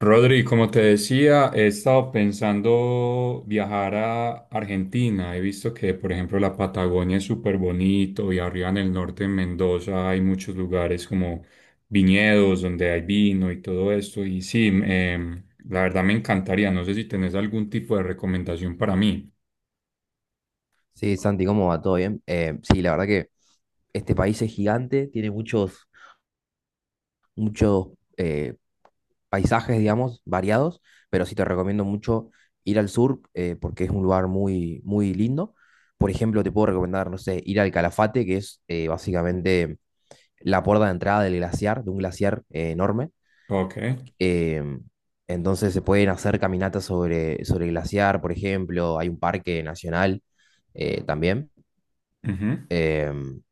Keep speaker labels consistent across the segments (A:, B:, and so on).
A: Rodri, como te decía, he estado pensando viajar a Argentina. He visto que, por ejemplo, la Patagonia es súper bonito y arriba en el norte, en Mendoza, hay muchos lugares como viñedos donde hay vino y todo esto. Y sí, la verdad me encantaría. No sé si tenés algún tipo de recomendación para mí.
B: Sí, Santi, ¿cómo va? ¿Todo bien? Sí, la verdad que este país es gigante, tiene muchos eh, paisajes, digamos, variados, pero sí te recomiendo mucho ir al sur, porque es un lugar muy, muy lindo. Por ejemplo, te puedo recomendar, no sé, ir al Calafate, que es básicamente la puerta de entrada del glaciar, de un glaciar enorme.
A: Ok.
B: Eh, entonces se pueden hacer caminatas sobre el glaciar, por ejemplo, hay un parque nacional también.
A: Ujú.
B: Em,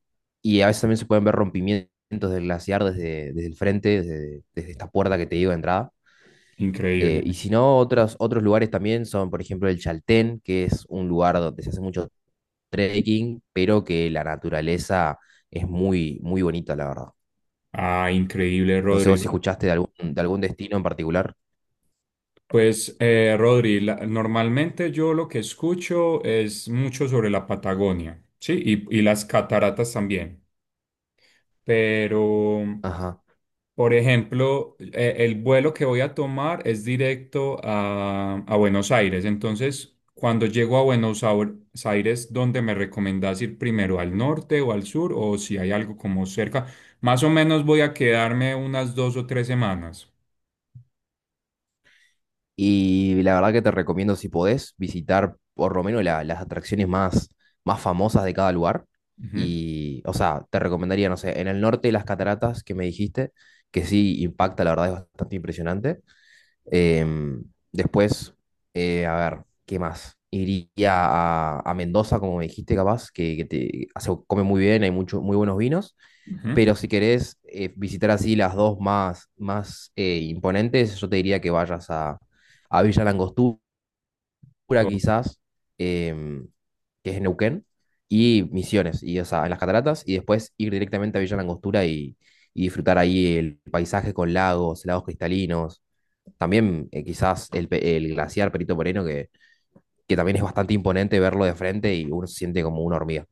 B: y a veces también se pueden ver rompimientos del glaciar desde el frente, desde esta puerta que te digo de entrada. Y
A: Increíble.
B: si no, otros lugares también son, por ejemplo, el Chaltén, que es un lugar donde se hace mucho trekking, pero que la naturaleza es muy, muy bonita, la verdad.
A: Ah, increíble,
B: No sé vos
A: Rodri.
B: si escuchaste de algún destino en particular.
A: Pues, Rodri, normalmente yo lo que escucho es mucho sobre la Patagonia, ¿sí? Y las cataratas también. Pero,
B: Ajá.
A: por ejemplo, el vuelo que voy a tomar es directo a Buenos Aires. Entonces, cuando llego a Aires, ¿dónde me recomendás ir primero? ¿Al norte o al sur? O si hay algo como cerca. Más o menos voy a quedarme unas dos o tres semanas.
B: Y la verdad que te recomiendo, si podés, visitar por lo menos las atracciones más, más famosas de cada lugar.
A: Ujú,
B: Y, o sea, te recomendaría, no sé, en el norte las cataratas que me dijiste, que sí impacta, la verdad es bastante impresionante. Em, después, a ver, ¿qué más? Iría a Mendoza, como me dijiste, capaz, que se come muy bien, hay muy buenos vinos. Pero si querés visitar así las dos más, más imponentes, yo te diría que vayas a Villa Langostura,
A: ujú.
B: quizás, em, que es en Neuquén, y Misiones, y, o sea, en las cataratas, y después ir directamente a Villa Langostura y disfrutar ahí el paisaje con lagos, lagos cristalinos, también quizás el glaciar Perito Moreno, que también es bastante imponente verlo de frente y uno se siente como una hormiga.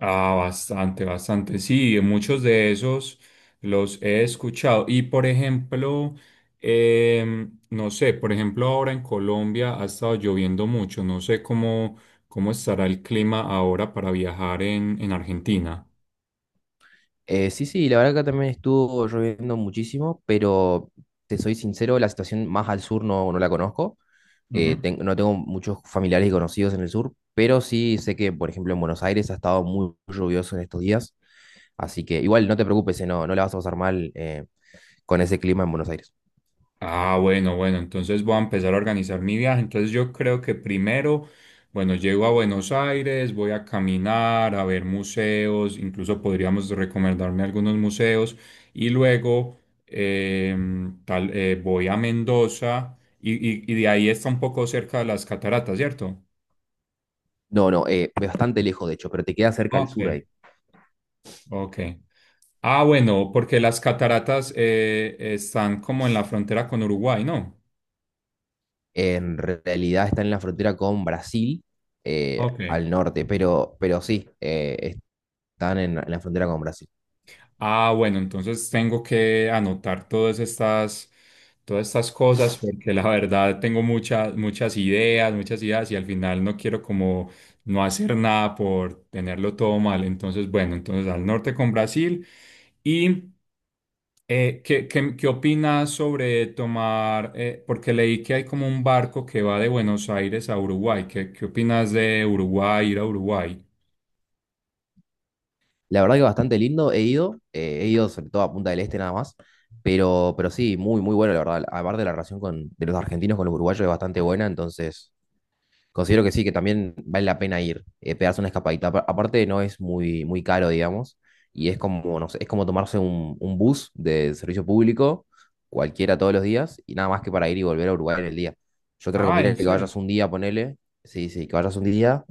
A: Ah, bastante, bastante. Sí, muchos de esos los he escuchado. Y por ejemplo, no sé, por ejemplo, ahora en Colombia ha estado lloviendo mucho. No sé cómo, cómo estará el clima ahora para viajar en Argentina.
B: Sí, sí, la verdad que acá también estuvo lloviendo muchísimo, pero te soy sincero, la situación más al sur no, no la conozco. Eh,
A: Ujú.
B: ten- no tengo muchos familiares y conocidos en el sur, pero sí sé que, por ejemplo, en Buenos Aires ha estado muy lluvioso en estos días. Así que igual no te preocupes, no, no la vas a pasar mal con ese clima en Buenos Aires.
A: Ah, bueno, bueno, entonces voy a empezar a organizar mi viaje. Entonces yo creo que primero, bueno, llego a Buenos Aires, voy a caminar, a ver museos, incluso podríamos recomendarme algunos museos y luego voy a Mendoza y, y de ahí está un poco cerca de las cataratas, ¿cierto?
B: No, no, bastante lejos, de hecho, pero te queda cerca al
A: Ok,
B: sur ahí.
A: ok. Ah, bueno, porque las cataratas están como en la frontera con Uruguay, ¿no?
B: En realidad está en la frontera con Brasil
A: Ok.
B: al norte, pero sí, están en la frontera con Brasil.
A: Ah, bueno, entonces tengo que anotar todas estas cosas porque la verdad tengo muchas, muchas ideas y al final no quiero como no hacer nada por tenerlo todo mal. Entonces, bueno, entonces al norte con Brasil. ¿Y ¿qué, qué, qué opinas sobre tomar, porque leí que hay como un barco que va de Buenos Aires a Uruguay. ¿Qué, qué opinas de Uruguay, ir a Uruguay?
B: La verdad que bastante lindo, he ido sobre todo a Punta del Este nada más, pero sí, muy, muy bueno, la verdad. Aparte de la relación de los argentinos con los uruguayos es bastante buena, entonces considero que sí, que también vale la pena ir, pegarse una escapadita. Aparte, no es muy, muy caro, digamos, y es como, no sé, es como tomarse un bus de servicio público, cualquiera todos los días, y nada más que para ir y volver a Uruguay en el día. Yo te
A: Ah, ¿en
B: recomendaría que
A: serio?
B: vayas un día, ponele, sí, sí, que vayas un día,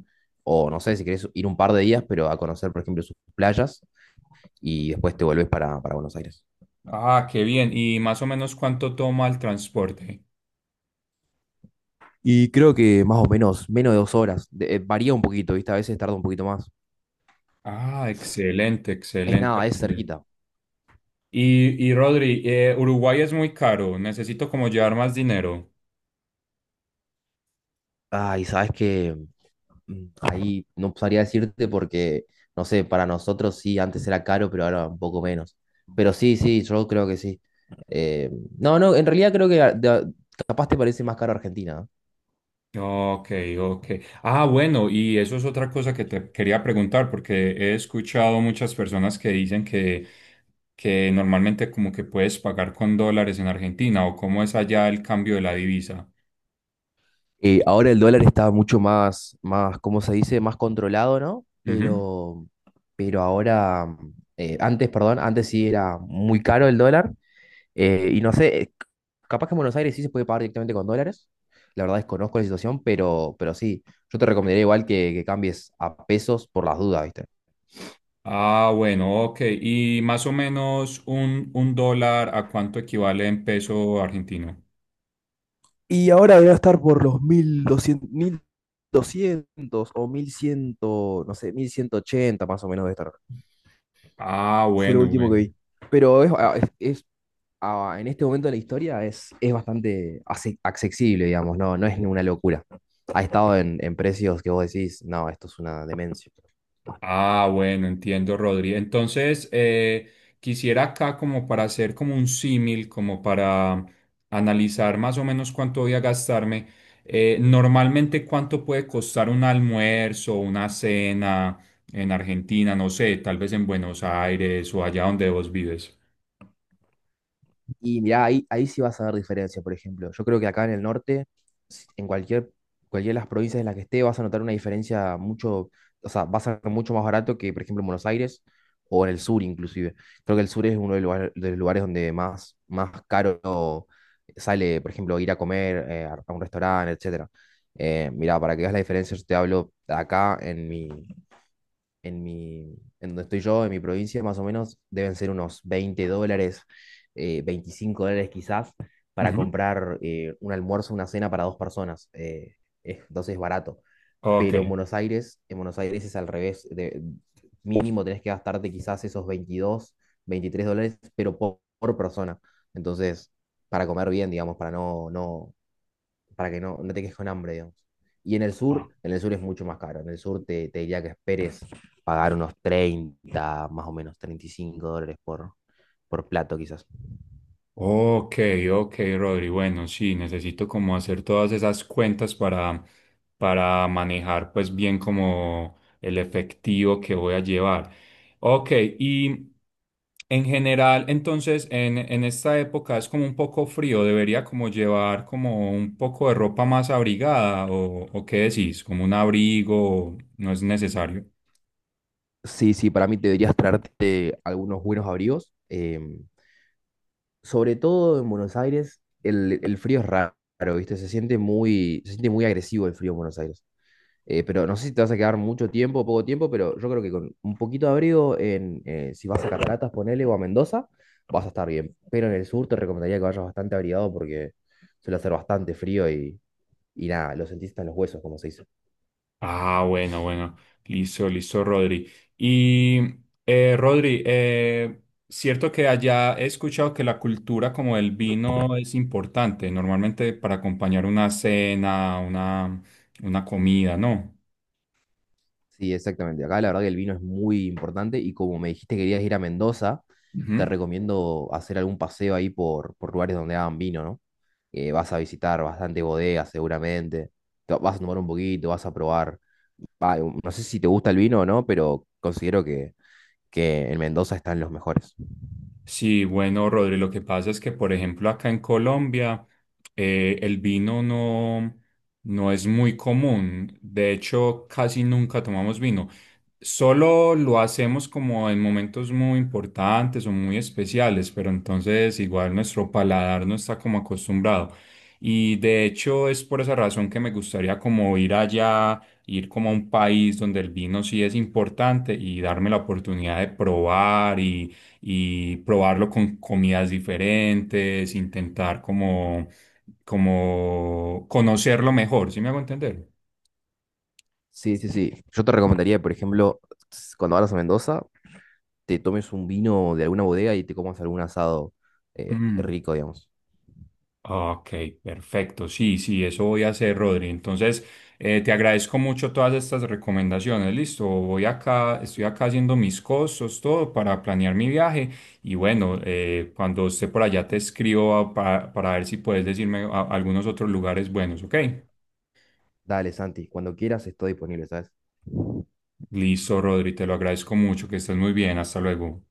B: o no sé, si querés ir un par de días, pero a conocer, por ejemplo, sus playas, y después te volvés para Buenos Aires.
A: Ah, qué bien. ¿Y más o menos cuánto toma el transporte?
B: Y creo que más o menos, menos de 2 horas. Varía un poquito, ¿viste? A veces tarda un poquito más.
A: Ah, excelente,
B: Es
A: excelente.
B: nada, es
A: Rodri.
B: cerquita.
A: Y Rodri, Uruguay es muy caro. Necesito como llevar más dinero.
B: Ay, ¿sabes qué? Ahí no sabría decirte porque, no sé, para nosotros sí, antes era caro, pero ahora un poco menos. Pero sí, sí, yo creo que sí. Eh, no, no, en realidad creo que capaz te parece más caro Argentina. ¿No?
A: Ok, ok. Ah, bueno, y eso es otra cosa que te quería preguntar, porque he escuchado muchas personas que dicen que normalmente como que puedes pagar con dólares en Argentina o cómo es allá el cambio de la divisa.
B: Ahora el dólar está mucho más, ¿cómo se dice? Más controlado, ¿no?
A: Ujú.
B: Pero ahora, antes, perdón, antes sí era muy caro el dólar. Y no sé, capaz que en Buenos Aires sí se puede pagar directamente con dólares. La verdad desconozco la situación, pero sí, yo te recomendaría igual que cambies a pesos por las dudas, ¿viste?
A: Ah, bueno, ok. Y más o menos un dólar, ¿a cuánto equivale en peso argentino?
B: Y ahora debe estar por los 1.200, 1.200 o 1100, no sé, 1.180 más o menos debe estar.
A: Ah,
B: Fue lo
A: bueno,
B: último que
A: bueno.
B: vi. Pero es, ah, en este momento de la historia es bastante accesible, digamos, no, no es ninguna locura. Ha estado en precios que vos decís, no, esto es una demencia.
A: Ah, bueno, entiendo, Rodri. Entonces, quisiera acá como para hacer como un símil, como para analizar más o menos cuánto voy a gastarme. Normalmente, ¿cuánto puede costar un almuerzo, una cena en Argentina? No sé, tal vez en Buenos Aires o allá donde vos vives.
B: Y mirá, ahí sí vas a ver diferencia, por ejemplo. Yo creo que acá en el norte, en cualquiera de las provincias en las que esté, vas a notar una diferencia o sea, va a ser mucho más barato que, por ejemplo, en Buenos Aires o en el sur inclusive. Creo que el sur es uno de los lugares donde más, más caro sale, por ejemplo, ir a comer a un restaurante, etcétera. Mirá, para que veas la diferencia, yo te hablo acá en donde estoy yo, en mi provincia, más o menos, deben ser unos $20, $25 quizás, para
A: Ujú.
B: comprar un almuerzo, una cena para dos personas. Entonces es barato.
A: Ok.
B: Pero en Buenos Aires es al revés. Mínimo tenés que gastarte quizás esos 22 $23, pero por persona. Entonces, para comer bien, digamos, para no, no, para que no, no te quedes con hambre, digamos. Y en el sur es mucho más caro. En el sur te diría que esperes pagar unos 30 más o menos $35 por plato, quizás.
A: Ok, ok, Rodri. Bueno, sí, necesito como hacer todas esas cuentas para manejar pues bien como el efectivo que voy a llevar. Ok, y en general, entonces, en esta época es como un poco frío, debería como llevar como un poco de ropa más abrigada o qué decís, como un abrigo, no es necesario.
B: Sí, sí, para mí te deberías traerte algunos buenos abrigos. Sobre todo en Buenos Aires, el frío es raro, ¿viste? Se siente muy agresivo el frío en Buenos Aires. Pero no sé si te vas a quedar mucho tiempo o poco tiempo, pero yo creo que con un poquito de abrigo, si vas a Cataratas, ponele, o a Mendoza, vas a estar bien. Pero en el sur te recomendaría que vayas bastante abrigado porque suele hacer bastante frío y nada, lo sentís hasta en los huesos, como se dice.
A: Ah, bueno, bueno. Listo, listo, Rodri. Y Rodri, cierto que allá he escuchado que la cultura como el vino es importante, normalmente para acompañar una cena, una comida, ¿no?
B: Sí, exactamente. Acá la verdad que el vino es muy importante y como me dijiste que querías ir a Mendoza, te
A: Ujú.
B: recomiendo hacer algún paseo ahí por lugares donde hagan vino, ¿no? Vas a visitar bastante bodegas seguramente, te vas a tomar un poquito, vas a probar ah, no sé si te gusta el vino o no, pero considero que en Mendoza están los mejores.
A: Sí, bueno, Rodri, lo que pasa es que, por ejemplo, acá en Colombia, el vino no, no es muy común. De hecho, casi nunca tomamos vino. Solo lo hacemos como en momentos muy importantes o muy especiales, pero entonces igual nuestro paladar no está como acostumbrado. Y de hecho es por esa razón que me gustaría como ir allá, ir como a un país donde el vino sí es importante y darme la oportunidad de probar y probarlo con comidas diferentes, intentar como, como conocerlo mejor, ¿sí me hago entender?
B: Sí, sí, sí. Yo te recomendaría, por ejemplo, cuando vayas a Mendoza, te tomes un vino de alguna bodega y te comas algún asado
A: Mm,
B: rico, digamos.
A: ok, perfecto, sí, sí, eso voy a hacer, Rodri. Entonces, te agradezco mucho todas estas recomendaciones, listo, voy acá, estoy acá haciendo mis costos, todo para planear mi viaje y bueno, cuando esté por allá te escribo para ver si puedes decirme algunos otros lugares buenos, ¿ok?
B: Dale, Santi, cuando quieras estoy disponible, ¿sabes?
A: Listo, Rodri, te lo agradezco mucho, que estés muy bien, hasta luego.